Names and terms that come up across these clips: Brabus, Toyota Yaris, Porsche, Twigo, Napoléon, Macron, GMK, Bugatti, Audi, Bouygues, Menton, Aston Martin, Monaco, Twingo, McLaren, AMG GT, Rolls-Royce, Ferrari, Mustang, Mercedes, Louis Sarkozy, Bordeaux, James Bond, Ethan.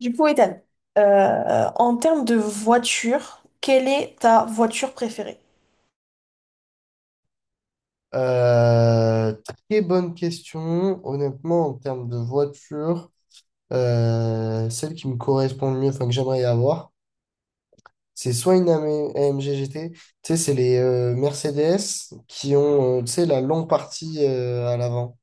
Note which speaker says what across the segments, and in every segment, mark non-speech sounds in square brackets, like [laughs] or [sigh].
Speaker 1: Du coup, Ethan, en termes de voiture, quelle est ta voiture préférée?
Speaker 2: Euh, Très bonne question. Honnêtement, en termes de voiture, celle qui me correspond le mieux, enfin que j'aimerais avoir, c'est soit une AMG GT, tu sais, c'est les Mercedes qui ont, tu sais, la longue partie à l'avant.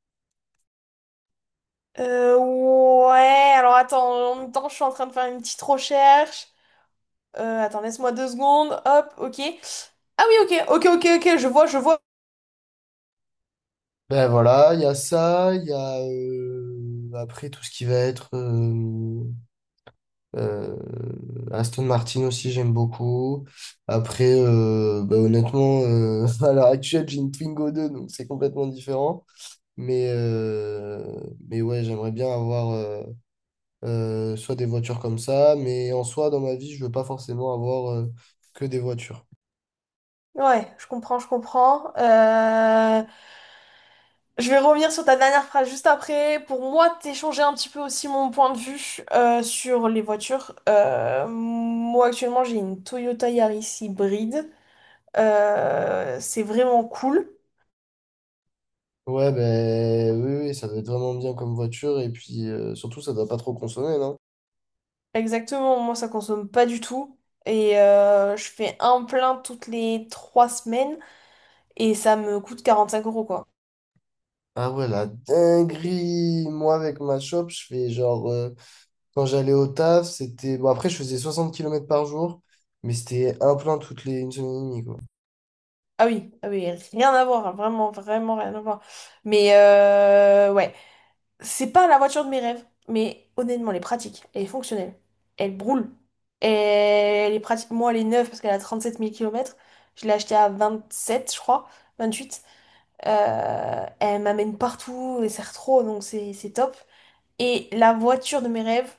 Speaker 1: Ouais, alors attends, en même temps, je suis en train de faire une petite recherche. Attends, laisse-moi deux secondes. Hop, ok. Ah oui, ok, ok, ok, ok, je vois, je vois.
Speaker 2: Ben voilà, il y a ça, il y a après tout ce qui va être Euh, Aston Martin aussi, j'aime beaucoup. Après, bah, honnêtement, [laughs] à l'heure actuelle, j'ai une Twingo deux, donc c'est complètement différent. Mais, euh, mais ouais, j'aimerais bien avoir soit des voitures comme ça, mais en soi, dans ma vie, je veux pas forcément avoir que des voitures.
Speaker 1: Ouais, je comprends, je comprends. Je vais revenir sur ta dernière phrase juste après. Pour moi, t'échanger un petit peu aussi mon point de vue sur les voitures. Moi, actuellement, j'ai une Toyota Yaris hybride. C'est vraiment cool.
Speaker 2: Ouais, ben oui, oui, ça doit être vraiment bien comme voiture, et puis surtout, ça doit pas trop consommer, non?
Speaker 1: Exactement, moi ça consomme pas du tout. Et je fais un plein toutes les 3 semaines et ça me coûte 45 € quoi.
Speaker 2: Ah ouais, la dinguerie! Moi, avec ma shop, je fais quand j'allais au taf, c'était... Bon, après, je faisais 60 km par jour, mais c'était un plein toutes les une semaine et demie, quoi.
Speaker 1: Ah oui, ah oui, rien à voir, hein, vraiment, vraiment rien à voir. Mais ouais, c'est pas la voiture de mes rêves, mais honnêtement, elle est pratique, elle est fonctionnelle, elle brûle, elle est pratique. Moi, elle est neuve parce qu'elle a 37 000 km. Je l'ai achetée à 27, je crois, 28. Elle m'amène partout, elle sert trop, donc c'est top. Et la voiture de mes rêves,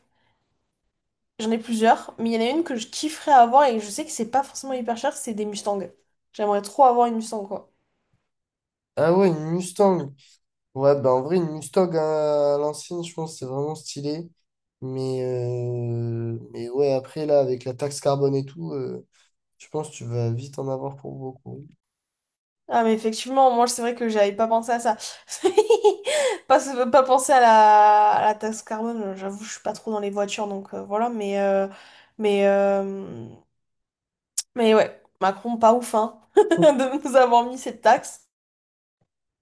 Speaker 1: j'en ai plusieurs, mais il y en a une que je kifferais avoir et je sais que c'est pas forcément hyper cher, c'est des Mustangs. J'aimerais trop avoir une Mustang, quoi.
Speaker 2: Ah ouais, une Mustang. Ouais, bah en vrai, une Mustang à l'ancienne, je pense, que c'est vraiment stylé. Mais ouais, après, là, avec la taxe carbone et tout, je pense que tu vas vite en avoir pour beaucoup.
Speaker 1: Ah, mais effectivement, moi, c'est vrai que j'avais pas pensé à ça. [laughs] Pas, pas pensé à la taxe carbone, j'avoue, je suis pas trop dans les voitures, donc voilà, mais, euh, mais ouais, Macron, pas ouf, hein, [laughs] de nous avoir mis cette taxe.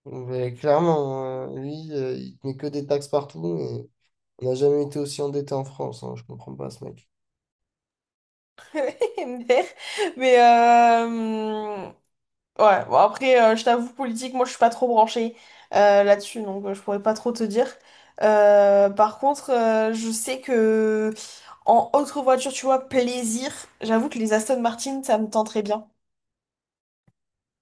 Speaker 2: Mais clairement, hein, lui, il te met que des taxes partout, et on n'a jamais été aussi endetté en France, hein, je comprends pas ce mec.
Speaker 1: MDR. Mais ouais, bon, après, je t'avoue, politique, moi je suis pas trop branchée là-dessus, donc je pourrais pas trop te dire. Par contre, je sais que en autre voiture, tu vois, plaisir, j'avoue que les Aston Martin, ça me tenterait bien.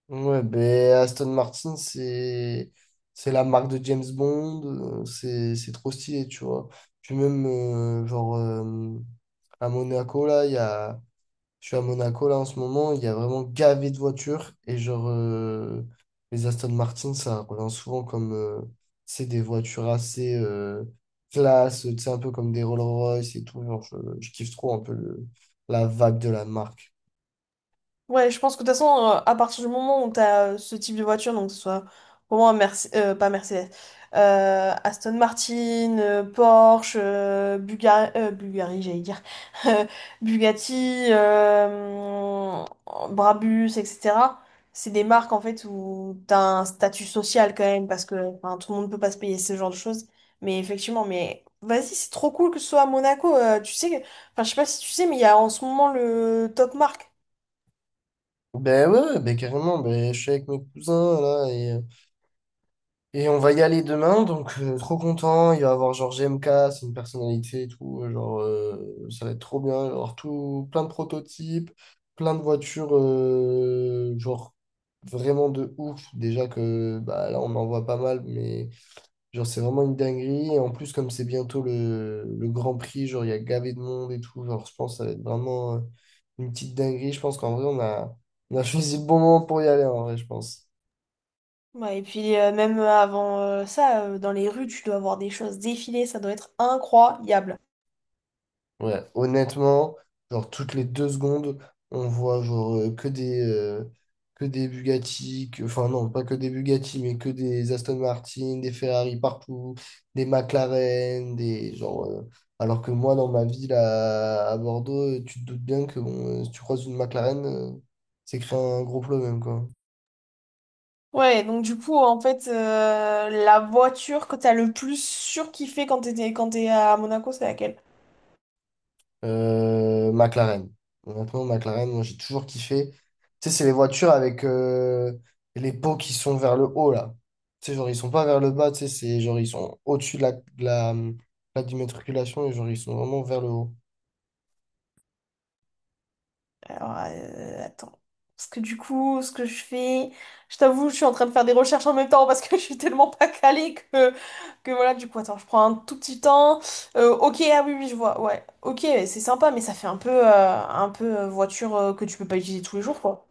Speaker 2: Ouais, ben Aston Martin, c'est la marque de James Bond, c'est trop stylé, tu vois. Puis même, à Monaco, là, il y a... je suis à Monaco, là, en ce moment, il y a vraiment gavé de voitures. Et genre, les Aston Martin, ça revient souvent comme, c'est des voitures assez classe, tu sais, un peu comme des Rolls-Royce et tout. Genre, je kiffe trop un peu la vague de la marque.
Speaker 1: Ouais, je pense que de toute façon, à partir du moment où tu as ce type de voiture, donc que ce soit pour moi pas Mercedes, Aston Martin, Porsche, Bulgari, j'allais dire, [laughs] euh, Bugatti, Brabus, etc. C'est des marques en fait où tu as un statut social quand même, parce que enfin, tout le monde ne peut pas se payer ce genre de choses. Mais effectivement, mais vas-y, c'est trop cool que ce soit à Monaco. Tu sais, enfin, je sais pas si tu sais, mais il y a en ce moment le top marque.
Speaker 2: Ben ouais, ouais, ben carrément, ben je suis avec mes cousins là, et on va y aller demain, donc trop content. Il va y avoir genre GMK, c'est une personnalité et tout. Genre, ça va être trop bien. Il va y avoir tout, plein de prototypes, plein de voitures, genre vraiment de ouf. Déjà que bah, là, on en voit pas mal, mais genre, c'est vraiment une dinguerie. Et en plus, comme c'est bientôt le Grand Prix, genre, il y a gavé de monde et tout. Genre, je pense que ça va être vraiment une petite dinguerie. Je pense qu'en vrai, on a [laughs] choisi le bon moment pour y aller, en vrai, je pense.
Speaker 1: Ouais, et puis même avant ça, dans les rues, tu dois voir des choses défiler, ça doit être incroyable.
Speaker 2: Ouais, honnêtement, genre toutes les deux secondes, on voit que des Bugatti, enfin non, pas que des Bugatti, mais que des Aston Martin, des Ferrari partout, des McLaren, des alors que moi dans ma ville à Bordeaux, tu te doutes bien que bon, si tu croises une McLaren, c'est créer un gros problème quoi.
Speaker 1: Ouais, donc du coup, en fait, la voiture que t'as le plus surkiffé quand t'étais, quand t'es à Monaco, c'est laquelle?
Speaker 2: McLaren. Honnêtement, McLaren, moi j'ai toujours kiffé. Tu sais, c'est les voitures avec les pots qui sont vers le haut là. Tu sais, genre ils sont pas vers le bas, tu sais, c'est genre ils sont au-dessus de la d'immatriculation et genre ils sont vraiment vers le haut.
Speaker 1: Alors, attends. Parce que du coup, ce que je fais, je t'avoue, je suis en train de faire des recherches en même temps parce que [laughs] je suis tellement pas calée que voilà, du coup, attends, je prends un tout petit temps. Ok, ah oui, oui, je vois, ouais. Ok, c'est sympa, mais ça fait un peu, voiture que tu peux pas utiliser tous les jours, quoi.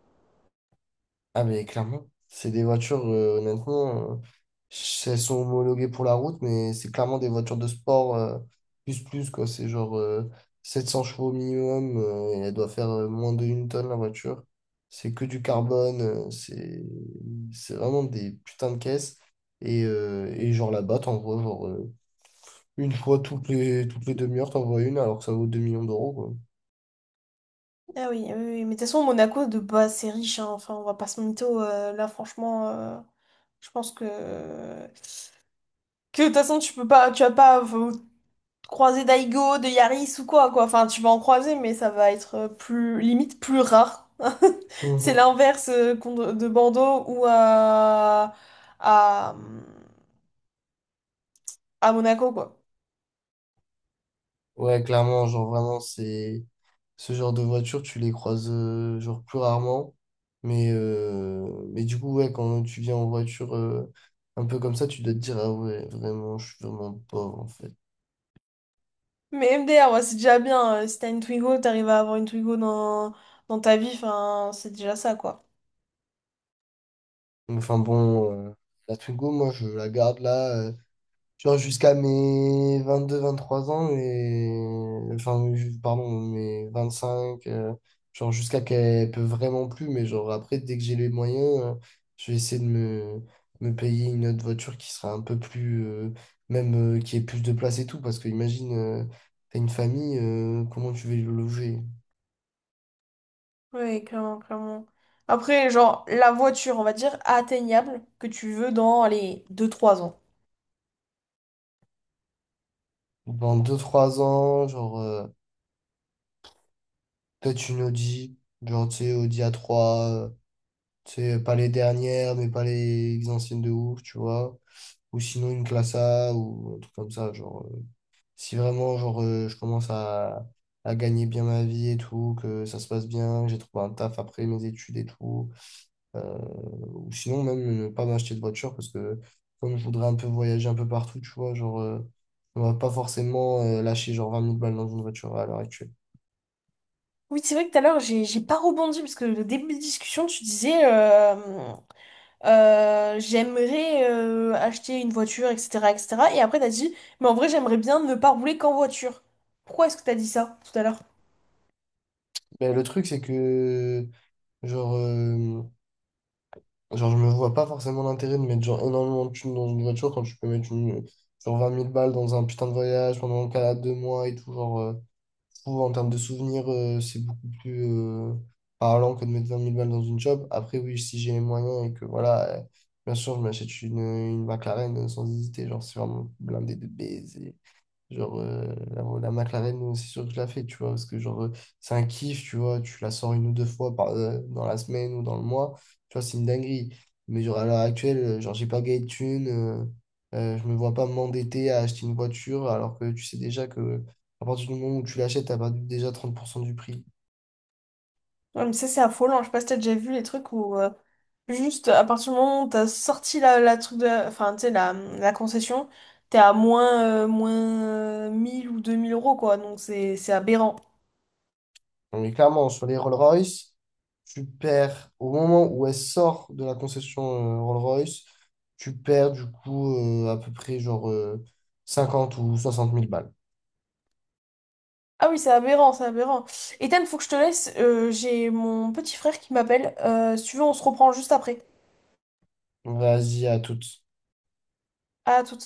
Speaker 2: Ah mais clairement, c'est des voitures, honnêtement, elles sont homologuées pour la route, mais c'est clairement des voitures de sport plus plus quoi. C'est 700 chevaux minimum et elle doit faire moins de une tonne la voiture. C'est que du carbone, c'est vraiment des putains de caisses. Et genre là-bas, t'envoies une fois toutes les demi-heures, t'envoies une alors que ça vaut 2 millions d'euros.
Speaker 1: Ah oui, oui, oui. mais de toute façon, Monaco, de base, c'est riche, hein. Enfin, on va pas se mytho, là, franchement, je pense que... Que de toute façon, tu vas pas croiser d'Aigo, de Yaris ou quoi, quoi. Enfin, tu vas en croiser, mais ça va être plus, limite, plus rare. [laughs] C'est Mhm. l'inverse de Bordeaux ou à, à Monaco, quoi.
Speaker 2: Ouais, clairement, genre vraiment, c'est ce genre de voiture, tu les croises genre plus rarement. Mais du coup, ouais, quand tu viens en voiture un peu comme ça, tu dois te dire, ah ouais, vraiment, je suis vraiment pauvre en fait.
Speaker 1: Mais MDR, ouais, c'est déjà bien. Si t'as une Twigo, t'arrives à avoir une Twigo dans, dans ta vie, enfin, c'est déjà ça, quoi.
Speaker 2: Enfin bon, la Twingo, moi, je la garde là. Genre jusqu'à mes 22, 23 ans, mais... Enfin, pardon, mes 25, genre jusqu'à qu'elle peut vraiment plus, mais genre après, dès que j'ai les moyens, je vais essayer de me payer une autre voiture qui sera un peu plus... même qui ait plus de place et tout, parce que imagine, t'as une famille, comment tu vas le loger?
Speaker 1: Oui, clairement, clairement. Après, genre, la voiture, on va dire, atteignable que tu veux dans les 2 3 ans.
Speaker 2: Dans deux trois ans, peut-être une Audi, genre, tu sais, Audi a trois euh, tu sais, pas les dernières, mais pas les anciennes de ouf, tu vois. Ou sinon une classe A ou un truc comme ça. Si vraiment je commence à gagner bien ma vie et tout, que ça se passe bien, que j'ai trouvé un taf après mes études et tout, euh, ou sinon même ne pas m'acheter de voiture parce que comme je voudrais un peu voyager un peu partout, tu vois, on va pas forcément lâcher genre 20 000 balles dans une voiture à l'heure actuelle.
Speaker 1: Oui, c'est vrai que tout à l'heure, j'ai pas rebondi parce que le début de discussion, tu disais j'aimerais acheter une voiture, etc., etc. Et cetera. Et après, t'as dit, mais en vrai, j'aimerais bien ne pas rouler qu'en voiture. Pourquoi est-ce que t'as dit ça tout à l'heure?
Speaker 2: Mais le truc, c'est que genre, euh, je me vois pas forcément l'intérêt de mettre genre énormément de thunes dans une voiture quand tu peux mettre genre 20 000 balles dans un putain de voyage pendant le cas deux mois et tout. Genre, je trouve en termes de souvenirs, c'est beaucoup plus parlant que de mettre 20 000 balles dans une job. Après, oui, si j'ai les moyens et que voilà, bien sûr, je m'achète une McLaren sans hésiter. Genre, c'est vraiment blindé de baiser. Genre, euh, la, la McLaren, c'est sûr que je la fais, tu vois, parce que c'est un kiff, tu vois, tu la sors une ou deux fois par, dans la semaine ou dans le mois, tu vois, c'est une dinguerie. Mais genre, à l'heure actuelle, j'ai pas gagné de thunes, je me vois pas m'endetter à acheter une voiture, alors que tu sais déjà que à partir du moment où tu l'achètes, t'as perdu déjà 30% du prix.
Speaker 1: Ouais, mais ça, c'est affolant. Je sais pas si t'as déjà vu les trucs où, juste à partir du moment où t'as sorti la, enfin, tu sais, la concession, t'es à moins, 1000 ou 2000 euros, quoi. Donc, c'est aberrant.
Speaker 2: Non, mais clairement, sur les Rolls-Royce, tu perds au moment où elle sort de la concession Rolls-Royce, tu perds du coup à peu près 50 ou 60 000 balles.
Speaker 1: Ah oui, c'est aberrant, c'est aberrant. Ethan, faut que je te laisse. J'ai mon petit frère qui m'appelle. Si tu veux, on se reprend juste après.
Speaker 2: Vas-y, à toutes.
Speaker 1: À tout